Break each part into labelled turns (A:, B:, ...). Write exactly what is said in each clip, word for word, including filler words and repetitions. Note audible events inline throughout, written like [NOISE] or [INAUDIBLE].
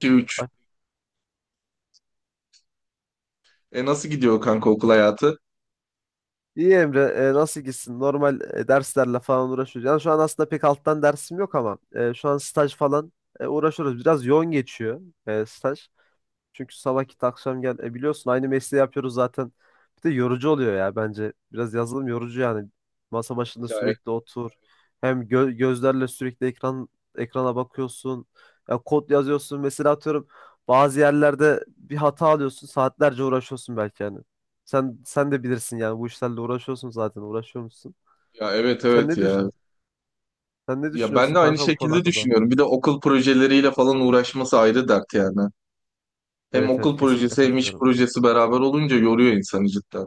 A: İki üç.
B: Ay.
A: E nasıl gidiyor kanka okul hayatı?
B: İyi Emre, e, nasıl gitsin? Normal e, derslerle falan uğraşıyoruz. Yani şu an aslında pek alttan dersim yok ama e, şu an staj falan e, uğraşıyoruz. Biraz yoğun geçiyor e, staj. Çünkü sabah git, akşam gel. E biliyorsun aynı mesleği yapıyoruz zaten. Bir de yorucu oluyor ya, bence. Biraz yazılım yorucu yani. Masa başında
A: Ya, e-
B: sürekli otur. Hem gö- gözlerle sürekli ekran ekrana bakıyorsun. Ya, kod yazıyorsun. Mesela, atıyorum, bazı yerlerde bir hata alıyorsun. Saatlerce uğraşıyorsun belki yani. Sen sen de bilirsin yani, bu işlerle uğraşıyorsun zaten. Uğraşıyor musun?
A: ya evet,
B: Sen
A: evet,
B: ne düş
A: ya.
B: Sen ne
A: Ya ben
B: düşünüyorsun
A: de aynı
B: kanka bu konu
A: şekilde
B: hakkında?
A: düşünüyorum. Bir de okul projeleriyle falan uğraşması ayrı dert yani. Hem
B: Evet,
A: okul
B: evet, kesinlikle
A: projesi hem iş
B: katılıyorum.
A: projesi beraber olunca yoruyor insanı cidden.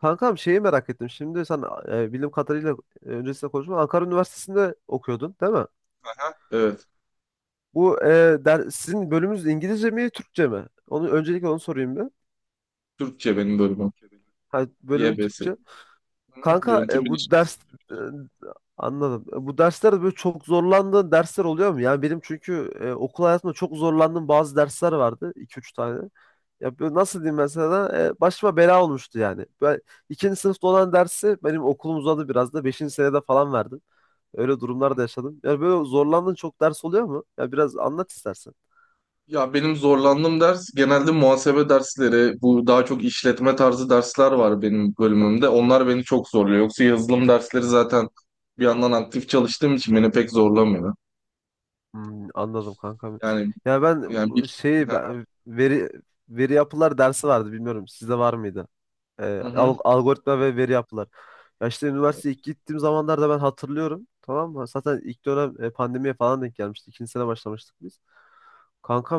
B: Kankam, şeyi merak ettim. Şimdi sen, e, bildiğim kadarıyla, e, öncesinde konuşma, Ankara Üniversitesi'nde okuyordun, değil mi?
A: Aha. Evet.
B: Bu e, der, sizin bölümünüz İngilizce mi, Türkçe mi? Onu, öncelikle onu sorayım bir.
A: Türkçe benim bölümüm.
B: Ha, bölümün
A: Y B S.
B: Türkçe.
A: Hı,
B: Kanka,
A: Yönetim
B: e, bu
A: bilişimsi.
B: ders e, anladım. E, Bu derslerde böyle çok zorlandığın dersler oluyor mu? Yani benim, çünkü e, okul hayatımda çok zorlandığım bazı dersler vardı. İki üç tane. Ya, böyle nasıl diyeyim ben sana? E, başıma bela olmuştu yani. Ben, ikinci sınıfta olan dersi benim okulum uzadı biraz da. Beşinci senede falan verdim. Öyle durumlar da yaşadım. Yani böyle zorlandığın çok ders oluyor mu? Ya, biraz anlat istersen.
A: Ya benim zorlandığım ders genelde muhasebe dersleri. Bu daha çok işletme tarzı dersler var benim bölümümde. Onlar beni çok zorluyor. Yoksa yazılım dersleri zaten bir yandan aktif çalıştığım için beni pek zorlamıyor.
B: Hmm, anladım kanka.
A: Yani
B: Ya ben
A: Yani
B: bu
A: bir...
B: şeyi ben veri Veri yapılar dersi vardı, bilmiyorum. Sizde var mıydı? E,
A: Hı hı.
B: al- algoritma ve veri yapılar. Ya işte üniversiteye ilk gittiğim zamanlarda ben hatırlıyorum. Tamam mı? Zaten ilk dönem e, pandemiye falan denk gelmişti. İkinci sene başlamıştık biz.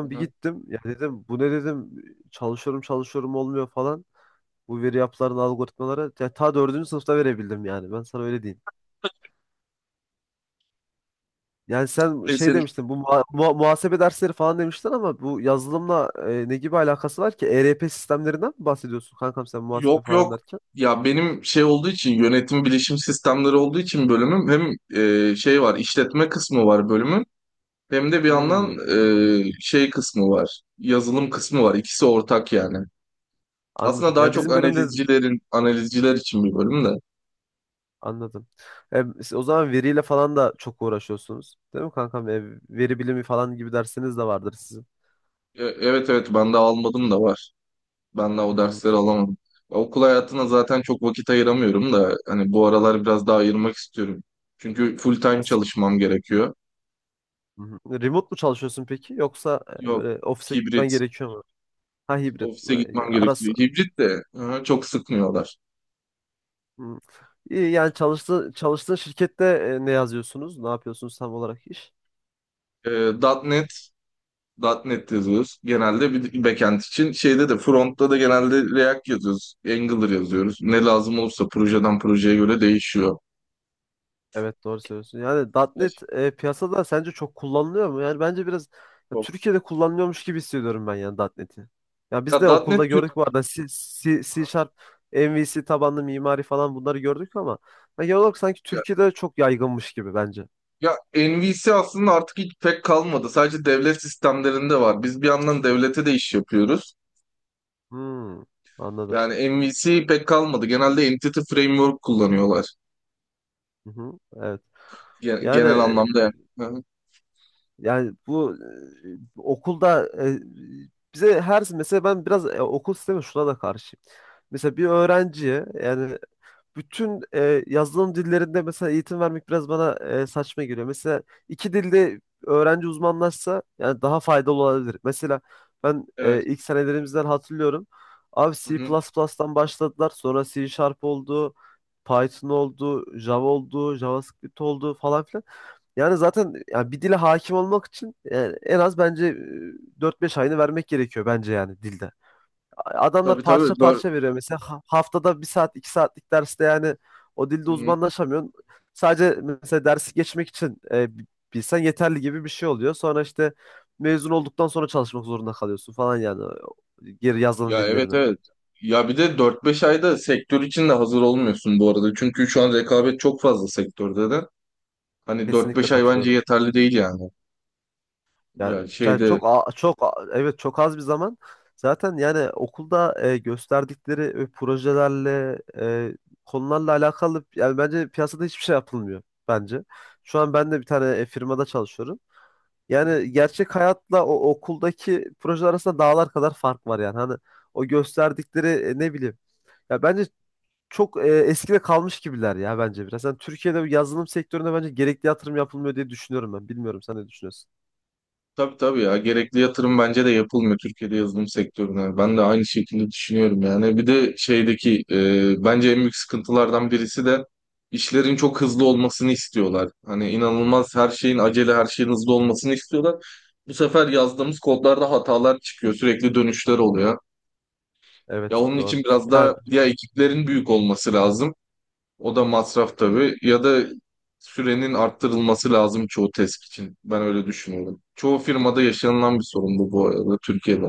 A: Hı
B: bir
A: hı.
B: gittim. Ya dedim, bu ne dedim. Çalışıyorum çalışıyorum, olmuyor falan. Bu veri yapıların algoritmaları. Ya ta dördüncü sınıfta verebildim yani. Ben sana öyle diyeyim. Yani sen
A: E
B: şey
A: senin-
B: demiştin, bu muha- muha- muhasebe dersleri falan demiştin, ama bu yazılımla e, ne gibi alakası var ki? E R P sistemlerinden mi bahsediyorsun kankam, sen muhasebe
A: Yok,
B: falan
A: yok.
B: derken?
A: Ya benim şey olduğu için yönetim bilişim sistemleri olduğu için bölümüm hem e, şey var işletme kısmı var bölümün hem de bir
B: Hmm.
A: yandan e, şey kısmı var yazılım kısmı var ikisi ortak yani. Aslında
B: Anladım.
A: daha
B: Ya,
A: çok
B: bizim bölümde
A: analizcilerin analizciler için bir bölüm de.
B: anladım. E, siz o zaman veriyle falan da çok uğraşıyorsunuz, değil mi kankam? E, veri bilimi falan gibi dersiniz de vardır sizin.
A: E, evet, evet, ben de almadım da var. Ben de o
B: Hmm.
A: dersleri alamadım. Okul hayatına zaten çok vakit ayıramıyorum da hani bu aralar biraz daha ayırmak istiyorum. Çünkü full time
B: As-
A: çalışmam gerekiyor.
B: Hı hı. Remote mu çalışıyorsun peki? Yoksa e,
A: Yok,
B: böyle ofise gitmen
A: hibrit.
B: gerekiyor mu? Ha, hibrit.
A: Ofise
B: E,
A: gitmem
B: Arası.
A: gerekiyor. Hibrit de hı, çok sıkmıyorlar.
B: Hmm. İyi, yani çalıştığın, çalıştığın şirkette e, ne yazıyorsunuz? Ne yapıyorsunuz tam olarak iş?
A: Ee, .nokta .NET, .nokta .NET yazıyoruz. Genelde bir backend için. Şeyde de frontta da genelde React yazıyoruz. Angular yazıyoruz. Ne lazım olursa projeden projeye göre değişiyor.
B: Evet, doğru söylüyorsun. Yani .nokta
A: Ya,
B: .N E T e, piyasada sence çok kullanılıyor mu? Yani bence biraz ya,
A: çok-
B: Türkiye'de kullanılıyormuş gibi hissediyorum ben yani .nokta .N E T'i. Ya
A: ya
B: biz de
A: .nokta .NET
B: okulda
A: Türk...
B: gördük bu arada C, C, C Sharp, M V C tabanlı mimari falan, bunları gördük ama ya, genel olarak sanki Türkiye'de çok yaygınmış gibi bence.
A: Ya N V C aslında artık hiç pek kalmadı. Sadece devlet sistemlerinde var. Biz bir yandan devlete de iş yapıyoruz.
B: Hmm, anladım.
A: Yani N V C pek kalmadı. Genelde Entity Framework kullanıyorlar.
B: Hı hı, evet.
A: Gen-
B: Yani
A: Genel
B: e,
A: anlamda yani. Hı hı.
B: yani bu e, okulda e, bize her, mesela ben biraz e, okul sistemi şuna da karşıyım. Mesela bir öğrenciye yani bütün e, yazılım dillerinde mesela eğitim vermek biraz bana e, saçma geliyor. Mesela iki dilde öğrenci uzmanlaşsa yani daha faydalı olabilir. Mesela ben
A: Evet.
B: e, ilk senelerimizden hatırlıyorum. Abi
A: Hı
B: C
A: hı.
B: plus plus'tan başladılar. Sonra C Sharp oldu. Python oldu, Java oldu, JavaScript oldu falan filan. Yani zaten yani bir dile hakim olmak için yani en az bence e, dört beş ayını vermek gerekiyor bence yani dilde. Adamlar
A: Tabii, tabii.
B: parça
A: Dör-
B: parça veriyor mesela. Ha- Haftada bir saat, iki saatlik derste yani o dilde
A: Hı hı.
B: uzmanlaşamıyorsun. Sadece mesela dersi geçmek için e, bi- bilsen yeterli gibi bir şey oluyor. Sonra işte mezun olduktan sonra çalışmak zorunda kalıyorsun falan, yani e, geri yazılım
A: Ya, evet,
B: dillerine.
A: evet. Ya bir de dört beş ayda sektör için de hazır olmuyorsun bu arada. Çünkü şu an rekabet çok fazla sektörde de. Hani dört
B: Kesinlikle
A: beş ay bence
B: katılıyorum.
A: yeterli değil yani.
B: Ya,
A: Yani
B: yani
A: şeyde...
B: çok a- çok a- evet, çok az bir zaman. Zaten yani okulda e, gösterdikleri e, projelerle e, konularla alakalı yani bence piyasada hiçbir şey yapılmıyor bence. Şu an ben de bir tane e, firmada çalışıyorum. Yani gerçek hayatla o okuldaki projeler arasında dağlar kadar fark var yani. Hani o gösterdikleri e, ne bileyim. Ya bence çok e, eskide kalmış gibiler ya bence biraz. Yani Türkiye'de bu yazılım sektöründe bence gerekli yatırım yapılmıyor diye düşünüyorum ben. Bilmiyorum, sen ne düşünüyorsun?
A: Tabii, tabii, ya gerekli yatırım bence de yapılmıyor Türkiye'de yazılım sektörüne. Ben de aynı şekilde düşünüyorum yani. Bir de şeydeki e, bence en büyük sıkıntılardan birisi de işlerin çok hızlı olmasını istiyorlar. Hani inanılmaz her şeyin acele her şeyin hızlı olmasını istiyorlar. Bu sefer yazdığımız kodlarda hatalar çıkıyor sürekli dönüşler oluyor. Ya
B: Evet,
A: onun
B: doğru.
A: için biraz daha
B: Yani
A: ya ekiplerin büyük olması lazım. O da masraf tabii. Ya da sürenin arttırılması lazım çoğu test için. Ben öyle düşünüyorum. Çoğu firmada yaşanılan bir sorun bu, bu arada Türkiye'de.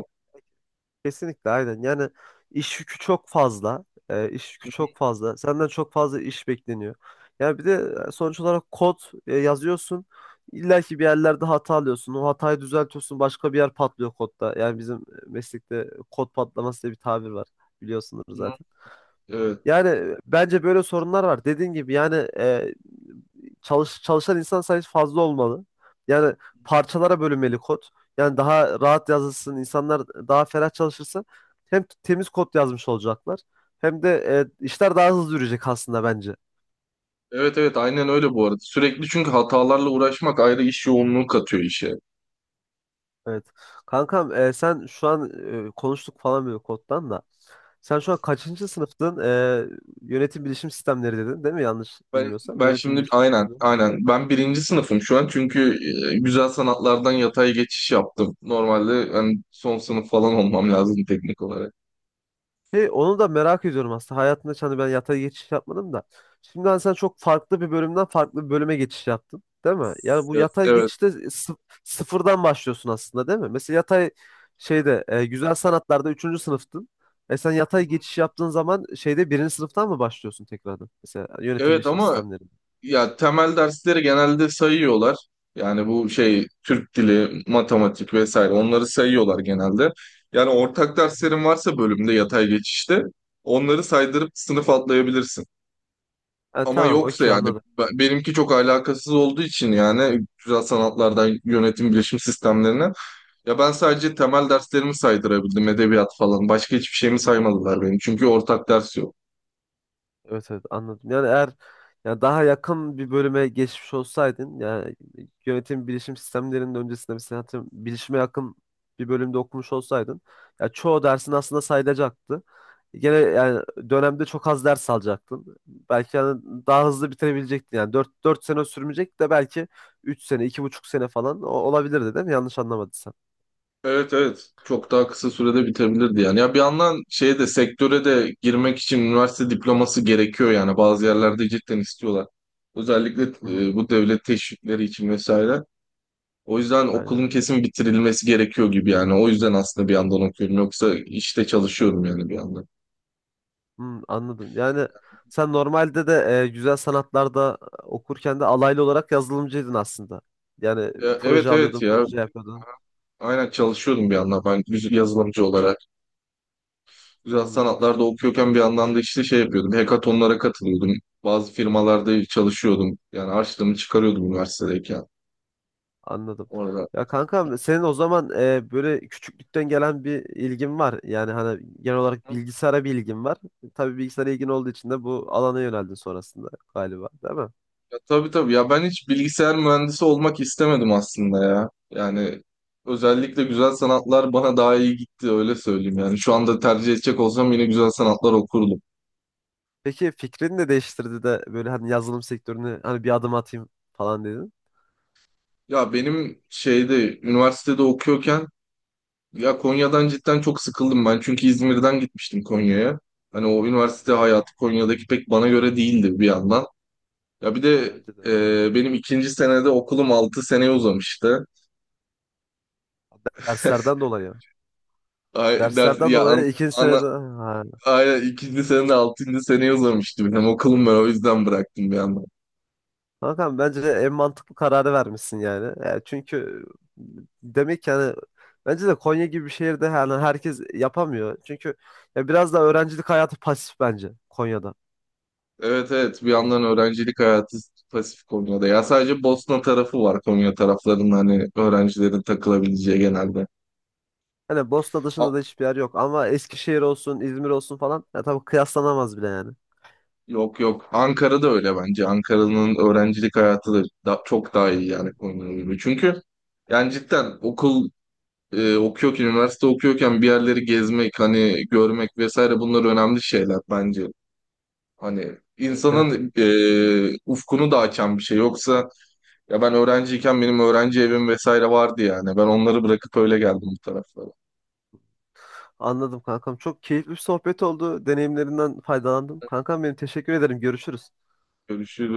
B: kesinlikle aynen. Yani iş yükü çok fazla. E, iş yükü çok fazla. Senden çok fazla iş bekleniyor. Yani bir de e, sonuç olarak kod e, yazıyorsun. İlla ki bir yerlerde hata alıyorsun. O hatayı düzeltiyorsun. Başka bir yer patlıyor kodda. Yani bizim meslekte kod patlaması diye bir tabir var. Biliyorsunuz
A: Hı.
B: zaten.
A: Evet.
B: Yani e, bence böyle sorunlar var. Dediğin gibi yani e, çalış, çalışan insan sayısı fazla olmalı. Yani parçalara bölünmeli kod. Yani daha rahat yazılsın, insanlar daha ferah çalışırsa hem temiz kod yazmış olacaklar hem de e, işler daha hızlı yürüyecek aslında bence.
A: Evet, evet, aynen öyle bu arada. Sürekli çünkü hatalarla uğraşmak ayrı iş yoğunluğu katıyor işe.
B: Evet. Kankam, e, sen şu an e, konuştuk falan böyle koddan da. Sen şu an kaçıncı sınıftın? E, Yönetim bilişim sistemleri dedin, değil mi? Yanlış
A: Ben,
B: bilmiyorsam
A: ben
B: yönetim
A: şimdi
B: bilişim
A: aynen,
B: sistemleri.
A: aynen ben birinci sınıfım şu an çünkü e, güzel sanatlardan yatay geçiş yaptım. Normalde hani son sınıf falan olmam lazım teknik olarak.
B: Hey, onu da merak ediyorum aslında. Hayatımda hiç, hani ben yatay geçiş yapmadım da. Şimdi hani sen çok farklı bir bölümden farklı bir bölüme geçiş yaptın, değil mi? Yani bu
A: Evet.
B: yatay
A: Evet.
B: geçişte sı- sıfırdan başlıyorsun aslında, değil mi? Mesela yatay şeyde e, güzel sanatlarda üçüncü sınıftın. E sen
A: Hı
B: yatay
A: hı.
B: geçiş yaptığın zaman şeyde birinci sınıftan mı başlıyorsun tekrardan? Mesela yönetim
A: Evet,
B: bilişim
A: ama...
B: sistemlerinde.
A: Ya temel dersleri genelde sayıyorlar. Yani bu şey Türk dili, matematik vesaire onları sayıyorlar genelde. Yani ortak derslerin varsa bölümde yatay geçişte onları saydırıp sınıf atlayabilirsin.
B: E,
A: Ama
B: tamam,
A: yoksa
B: okey,
A: yani
B: anladım.
A: be- benimki çok alakasız olduğu için yani güzel sanatlardan yönetim bilişim sistemlerine ya ben sadece temel derslerimi saydırabildim edebiyat falan başka hiçbir şeyimi saymadılar benim çünkü ortak ders yok.
B: Evet, evet, anladım. Yani eğer yani daha yakın bir bölüme geçmiş olsaydın yani yönetim bilişim sistemlerinin öncesinde, mesela atıyorum, bilişime yakın bir bölümde okumuş olsaydın ya, çoğu dersin aslında sayılacaktı. Gene yani dönemde çok az ders alacaktın. Belki yani daha hızlı bitirebilecektin. Yani dört dört sene sürmeyecek de, belki üç sene, iki buçuk sene falan o- olabilirdi, değil mi? Yanlış anlamadıysam.
A: Evet, evet, çok daha kısa sürede bitebilirdi yani. Ya bir yandan şeye de sektöre de girmek için üniversite diploması gerekiyor yani bazı yerlerde cidden istiyorlar. Özellikle
B: Hı hı.
A: e, bu devlet teşvikleri için vesaire. O yüzden
B: Aynen.
A: okulun kesin bitirilmesi gerekiyor gibi yani. O yüzden aslında bir yandan okuyorum yoksa işte çalışıyorum yani bir yandan.
B: Hmm, anladım. Yani sen normalde de e, güzel sanatlarda okurken de alaylı olarak yazılımcıydın aslında. Yani
A: E,
B: proje
A: evet, evet,
B: alıyordun,
A: ya
B: proje yapıyordun.
A: aynen çalışıyordum bir yandan
B: Anladım.
A: ben yüz- yazılımcı olarak. Güzel
B: Hmm,
A: sanatlarda okuyorken bir yandan da işte şey yapıyordum. Hekatonlara katılıyordum. Bazı firmalarda çalışıyordum. Yani harçlığımı çıkarıyordum üniversitedeyken
B: anladım.
A: orada.
B: Ya kanka, senin o zaman e, böyle küçüklükten gelen bir ilgin var. Yani hani genel olarak bilgisayara bir ilgin var. Tabii bilgisayara ilgin olduğu için de bu alana yöneldin sonrasında galiba, değil mi?
A: Ya, tabii, tabii, ya ben hiç bilgisayar mühendisi olmak istemedim aslında ya. Yani özellikle güzel sanatlar bana daha iyi gitti öyle söyleyeyim. Yani şu anda tercih edecek olsam yine güzel sanatlar okurdum.
B: Peki fikrini de değiştirdi de böyle hani yazılım sektörüne hani bir adım atayım falan dedin.
A: Ya benim şeyde üniversitede okuyorken... Ya Konya'dan cidden çok sıkıldım ben. Çünkü İzmir'den gitmiştim Konya'ya. Hani o üniversite hayatı Konya'daki pek bana göre değildi bir yandan. Ya bir de
B: Bence de.
A: e, benim ikinci senede okulum altı seneye uzamıştı. [LAUGHS]
B: Derslerden dolayı.
A: Ay, ders,
B: Derslerden
A: ya an,
B: dolayı ikinci
A: ana,
B: senede... Ha.
A: ay, ikinci senede altıncı seneye uzamıştı benim okulum ben o yüzden bıraktım bir yandan.
B: Kankam, bence en mantıklı kararı vermişsin yani. E, çünkü demek ki hani bence de Konya gibi bir şehirde yani herkes yapamıyor. Çünkü ya, biraz da öğrencilik hayatı pasif bence Konya'da.
A: Evet, evet, bir yandan öğrencilik hayatı pasif Konya'da. Ya sadece Bosna tarafı var Konya taraflarının hani öğrencilerin takılabileceği genelde.
B: Hani Bosna
A: A-
B: dışında da hiçbir yer yok ama Eskişehir olsun, İzmir olsun falan, ya tabii, kıyaslanamaz bile yani.
A: Yok, yok. Ankara'da öyle bence. Ankara'nın öğrencilik hayatı da da- çok daha iyi yani Konya'ya gibi. Çünkü yani cidden okul e, okuyorken, üniversite okuyorken bir yerleri gezmek, hani görmek vesaire bunlar önemli şeyler bence. Hani
B: Evet, evet.
A: insanın e, ufkunu da açan bir şey. Yoksa ya ben öğrenciyken benim öğrenci evim vesaire vardı yani. Ben onları bırakıp öyle geldim bu taraflara.
B: Anladım kankam. Çok keyifli bir sohbet oldu. Deneyimlerinden faydalandım. Kankam benim, teşekkür ederim. Görüşürüz.
A: Görüşürüz.